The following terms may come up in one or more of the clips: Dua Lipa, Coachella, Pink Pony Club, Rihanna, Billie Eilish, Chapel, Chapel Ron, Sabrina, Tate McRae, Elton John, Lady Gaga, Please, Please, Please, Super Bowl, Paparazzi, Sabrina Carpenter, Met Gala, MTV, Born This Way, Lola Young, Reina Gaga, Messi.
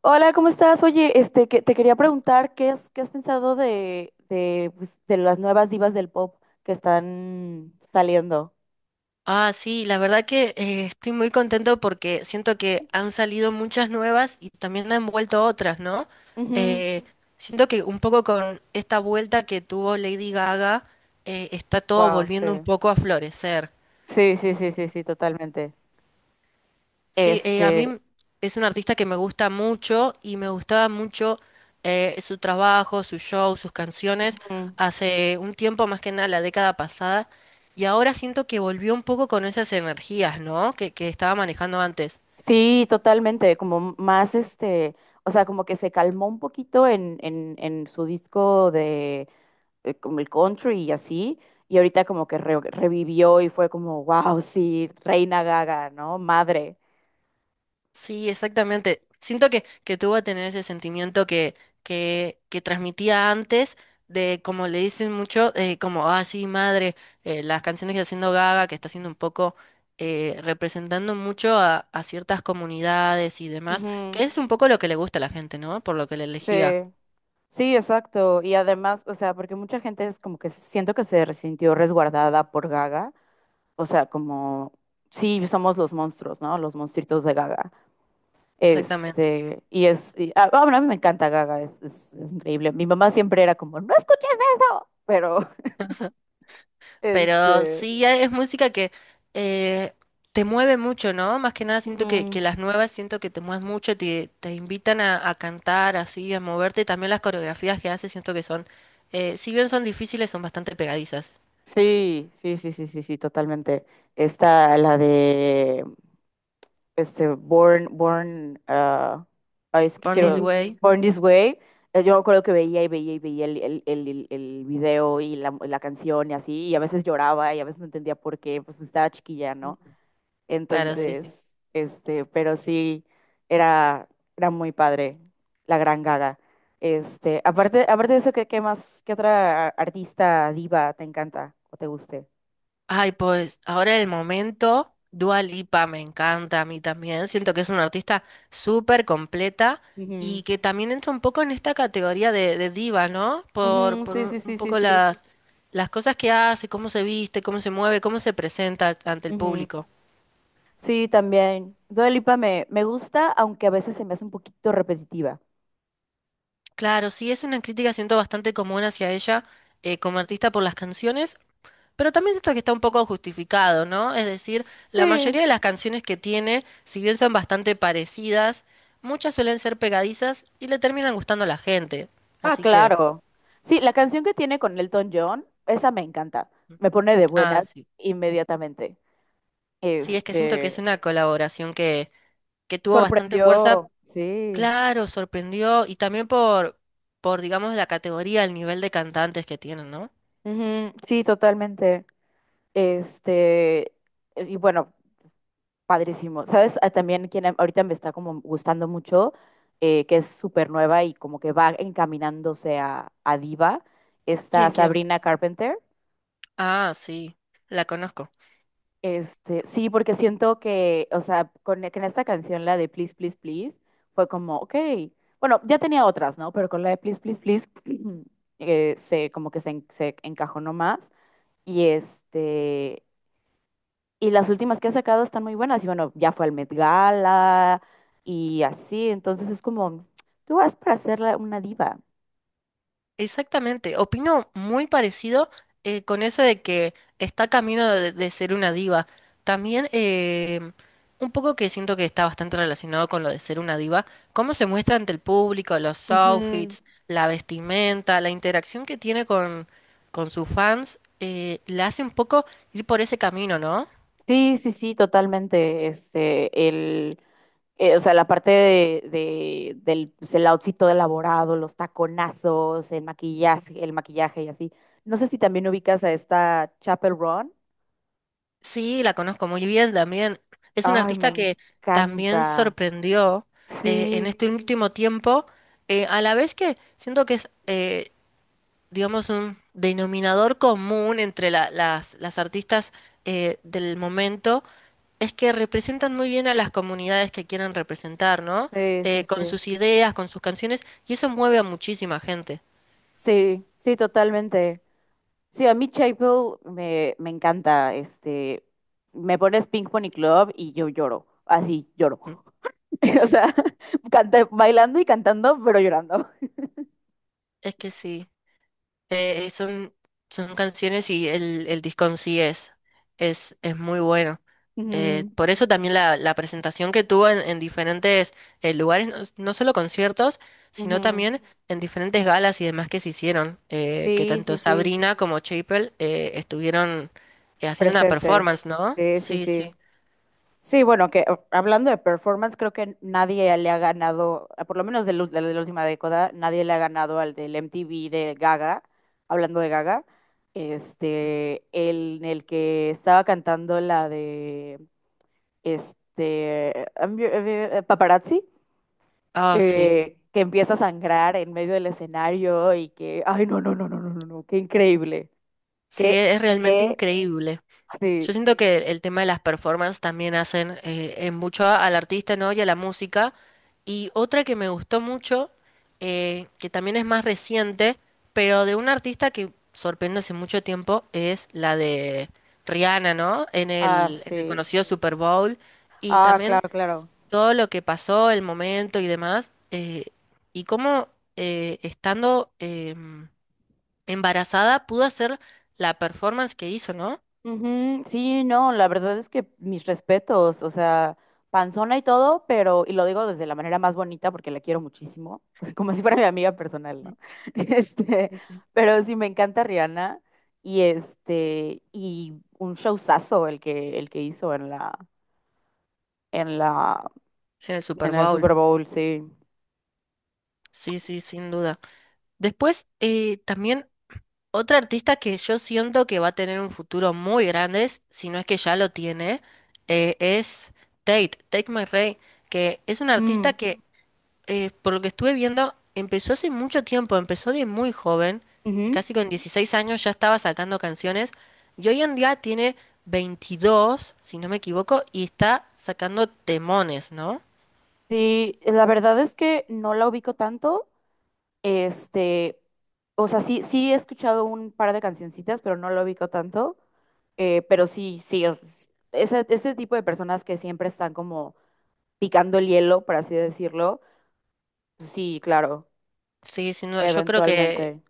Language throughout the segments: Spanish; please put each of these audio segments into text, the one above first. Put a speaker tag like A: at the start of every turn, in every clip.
A: Hola, ¿cómo estás? Oye, te quería preguntar qué has pensado de las nuevas divas del pop que están saliendo.
B: Ah, sí, la verdad que estoy muy contento porque siento que han salido muchas nuevas y también han vuelto otras, ¿no? Eh, Siento que un poco con esta vuelta que tuvo Lady Gaga, está todo
A: Wow,
B: volviendo un
A: sí.
B: poco a florecer.
A: Sí, sí, sí, sí, sí, totalmente.
B: Sí, a
A: Este,
B: mí es un artista que me gusta mucho y me gustaba mucho su trabajo, su show, sus canciones,
A: ujú.
B: hace un tiempo más que nada la década pasada, y ahora siento que volvió un poco con esas energías, ¿no? Que estaba manejando antes.
A: Sí, totalmente, como más o sea, como que se calmó un poquito en su disco de, como el country y así, y ahorita como que revivió y fue como, wow, sí, Reina Gaga, ¿no? Madre.
B: Sí, exactamente. Siento que tú vas a tener ese sentimiento que transmitía antes, de como le dicen mucho, como, ah, sí, madre, las canciones que está haciendo Gaga, que está haciendo un poco, representando mucho a ciertas comunidades y demás, que
A: Ujú.
B: es un poco lo que le gusta a la gente, ¿no? Por lo que le
A: Sí,
B: elegía.
A: sí, exacto. Y además, o sea, porque mucha gente es como que siento que se sintió resguardada por Gaga. O sea, como, sí, somos los monstruos, ¿no? Los monstruitos de Gaga.
B: Exactamente.
A: Bueno, a mí me encanta Gaga, es increíble. Mi mamá siempre era como, no escuches eso. Pero,
B: Pero
A: este,
B: sí, es música que eh, te mueve mucho, ¿no? Más que nada siento que,
A: mm,
B: que las nuevas siento que te mueves mucho, te invitan a cantar así, a moverte. También las coreografías que haces siento que son, si bien son difíciles, son bastante pegadizas.
A: sí, sí, sí, sí, sí, sí, totalmente. Está la de este, Born, Born, ah, ay, es que
B: Born
A: quiero,
B: This
A: Bueno,
B: Way,
A: Born This Way. Yo me acuerdo que veía y veía y veía el video y la canción y así, y a veces lloraba y a veces no entendía por qué, pues estaba chiquilla, ¿no? Claro.
B: claro, sí,
A: Entonces,
B: sí.
A: pero sí, era, era muy padre, la gran Gaga. Este, aparte, aparte de eso, ¿ qué otra artista diva te encanta o te guste?
B: Ay, pues ahora el momento, Dua Lipa me encanta a mí también. Siento que es una artista súper completa
A: Ujú,
B: y que también entra un poco en esta categoría de diva, ¿no?
A: ujú,
B: Por
A: sí, sí,
B: un
A: sí,
B: poco
A: sí,
B: las cosas que hace, cómo se viste, cómo se mueve, cómo se presenta ante el
A: sí.
B: público.
A: Sí, también. Dua Lipa me gusta, aunque a veces se me hace un poquito repetitiva.
B: Claro, sí, es una crítica, siento bastante común hacia ella como artista por las canciones, pero también esto que está un poco justificado, ¿no? Es decir, la
A: Sí.
B: mayoría de las canciones que tiene, si bien son bastante parecidas, muchas suelen ser pegadizas y le terminan gustando a la gente.
A: Ah,
B: Así que,
A: claro. Sí, la canción que tiene con Elton John, esa me encanta. Me pone de
B: ah,
A: buenas
B: sí.
A: inmediatamente.
B: Sí, es que siento que es
A: Este,
B: una colaboración que tuvo bastante fuerza.
A: sorprendió. Sí.
B: Claro, sorprendió y también por, digamos, la categoría, el nivel de cantantes que tienen, ¿no?
A: Ujú, sí, totalmente. Este, y bueno, Padrísimo. ¿Sabes? Ah, también quien ahorita me está como gustando mucho, que es súper nueva y como que va encaminándose a diva, está
B: ¿Quién, quién?
A: Sabrina Carpenter.
B: Ah, sí, la conozco.
A: Sí, porque siento que, o sea, que en esta canción, la de Please, Please, Please, fue como, ok, bueno, ya tenía otras, ¿no? Pero con la de Please, Please, Please, se, como que se, en- se encajonó más. Y este, Y las últimas que ha sacado están muy buenas. Y bueno, ya fue al Met Gala y así. Entonces es como, tú vas para ser una diva.
B: Exactamente, opino muy parecido con eso de que está camino de ser una diva. También un poco que siento que está bastante relacionado con lo de ser una diva, cómo se muestra ante el público, los
A: Ujú.
B: outfits, la vestimenta, la interacción que tiene con sus fans, la hace un poco ir por ese camino, ¿no?
A: Sí, sí, sí, totalmente. O sea, la parte del pues, el outfit todo elaborado, los taconazos, el maquillaje y así. No sé si también ubicas a esta Chapel Ron.
B: Sí, la conozco muy bien también. Es una
A: Ay, me
B: artista que también
A: encanta.
B: sorprendió en
A: Sí,
B: este último tiempo, a la vez que siento que es, digamos, un denominador común entre la- las artistas del momento, es que representan muy bien a las comunidades que quieren representar, ¿no?
A: sí, sí,
B: Con
A: sí.
B: sus ideas, con sus canciones, y eso mueve a muchísima gente.
A: Sí, sí, totalmente. Sí, a mí Chapel me encanta. Me pones Pink Pony Club y yo lloro. Así, lloro. O sea, bailando y cantando, pero llorando.
B: Es que sí. Son, son canciones y el disco en sí es muy bueno.
A: Ujú,
B: Por eso también la presentación que tuvo en diferentes lugares, no, no solo conciertos, sino
A: ujú.
B: también en diferentes galas y demás que se hicieron, que
A: Sí,
B: tanto
A: sí, sí.
B: Sabrina como Chapel estuvieron haciendo una
A: Presentes.
B: performance, ¿no?
A: Sí, sí,
B: Sí,
A: sí.
B: sí.
A: Sí, bueno, hablando de performance, creo que nadie le ha ganado, ah, por lo menos de la última década, nadie le ha ganado al del MTV de Gaga, hablando de Gaga, en el que estaba cantando la de, Paparazzi,
B: Ah, sí.
A: que empieza a sangrar en medio del escenario y que, ay, no, no, no, no, no, no, no, qué increíble,
B: Sí, es
A: qué,
B: realmente
A: qué,
B: increíble. Yo
A: sí,
B: siento que el tema de las performances también hacen en mucho al artista, ¿no? Y a la música. Y otra que me gustó mucho, que también es más reciente, pero de un artista que sorprende hace mucho tiempo, es la de Rihanna, ¿no?
A: ah,
B: En el
A: sí,
B: conocido Super Bowl. Y
A: ah,
B: también
A: claro, claro.
B: todo lo que pasó, el momento y demás. Y cómo estando embarazada pudo hacer la performance que hizo, ¿no?
A: Ujú, sí, no, la verdad es que mis respetos, o sea, panzona y todo, pero, y lo digo desde la manera más bonita porque la quiero muchísimo, como si fuera mi amiga personal,
B: Mm,
A: ¿no? Este,
B: sí, sí.
A: pero sí me encanta Rihanna y un showzazo el que hizo en la,
B: Sí, en el Super
A: en el
B: Bowl.
A: Super Bowl, sí.
B: Sí, sí, sin duda. Después, también otra artista que yo siento que va a tener un futuro muy grande, si no es que ya lo tiene, es Tate, Tate McRae, que es una artista
A: Mm,
B: que, por lo que estuve viendo, empezó hace mucho tiempo, empezó de muy joven,
A: ujú.
B: casi con 16 años ya estaba sacando canciones, y hoy en día tiene 22 si no me equivoco, y está sacando temones, ¿no?
A: Sí, la verdad es que no la ubico tanto. Este, o sea, sí, sí he escuchado un par de cancioncitas, pero no lo ubico tanto. Pero sí, sí, ese tipo de personas que siempre están como picando el hielo, por así decirlo. Sí, claro,
B: Sí, sin duda, yo creo
A: eventualmente.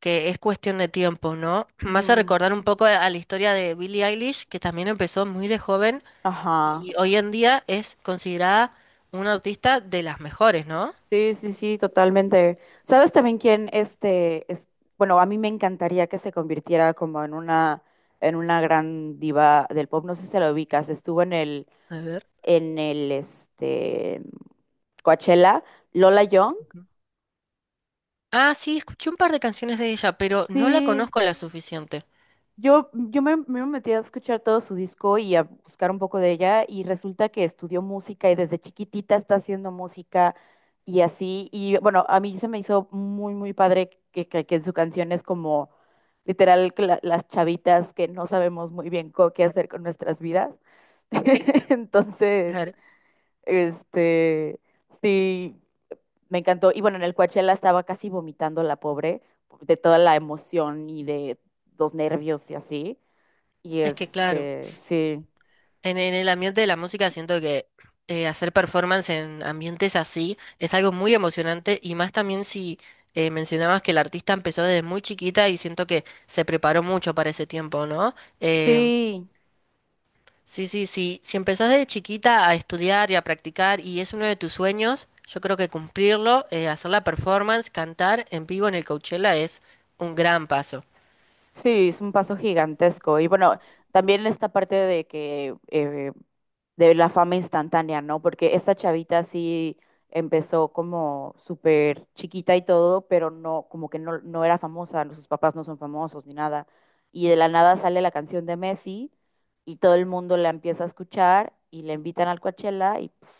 B: que es cuestión de tiempo, ¿no? Me hace
A: Ujú.
B: recordar un poco a la historia de Billie Eilish, que también empezó muy de joven
A: Ajá.
B: y hoy en día es considerada una artista de las mejores, ¿no?
A: Sí, sí, sí, totalmente. ¿Sabes también quién es, bueno, a mí me encantaría que se convirtiera como en una gran diva del pop, no sé si se la ubicas, estuvo en el
B: A ver.
A: en Coachella, Lola Young.
B: Ujú. Ah, sí, escuché un par de canciones de ella, pero no la
A: Sí,
B: conozco la suficiente.
A: yo me metí a escuchar todo su disco y a buscar un poco de ella y resulta que estudió música y desde chiquitita está haciendo música y así. Y bueno, a mí se me hizo muy, muy padre que en su canción es como literal que las chavitas que no sabemos muy bien qué hacer con nuestras vidas. Entonces,
B: Claro.
A: este, sí, me encantó. Y bueno, en el Coachella estaba casi vomitando la pobre de toda la emoción y de los nervios y así.
B: Es que claro.
A: Sí,
B: En el ambiente de la música siento que hacer performance en ambientes así es algo muy emocionante y más también si mencionabas que el artista empezó desde muy chiquita y siento que se preparó mucho para ese tiempo, ¿no? Eh,
A: sí.
B: sí, sí, sí. Si empezás desde chiquita a estudiar y a practicar y es uno de tus sueños, yo creo que cumplirlo, hacer la performance, cantar en vivo en el Coachella es un gran paso.
A: Sí, es un paso gigantesco. Y bueno, también esta parte de que de la fama instantánea, ¿no? Porque esta chavita sí empezó como súper chiquita y todo, pero no, como que no, no era famosa, sus papás no son famosos ni nada. Y de la nada sale la canción de Messi y todo el mundo la empieza a escuchar y la invitan al Coachella y pf,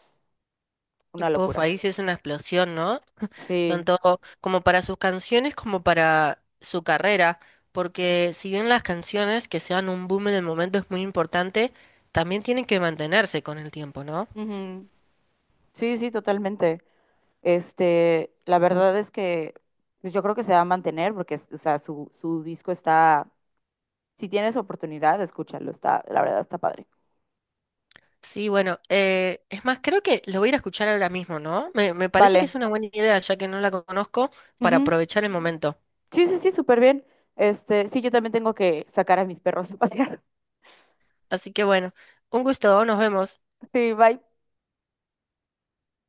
B: Y,
A: una
B: puf,
A: locura.
B: ahí sí es una explosión, ¿no?
A: Sí.
B: Tanto como para sus canciones como para su carrera, porque si bien las canciones que sean un boom en el momento es muy importante, también tienen que mantenerse con el tiempo, ¿no?
A: Ujú. Sí, sí, totalmente. La verdad es que pues, yo creo que se va a mantener porque, o sea, su disco está, si tienes oportunidad, escúchalo, está, la verdad está padre.
B: Sí, bueno, es más, creo que lo voy a ir a escuchar ahora mismo, ¿no? Me parece que es
A: Vale.
B: una buena idea, ya que no la conozco, para
A: Ujú.
B: aprovechar el momento.
A: Sí, sí, sí, súper bien. Este, sí, yo también tengo que sacar a mis perros a pasear.
B: Así que bueno, un gusto, nos vemos.
A: Sí, bye.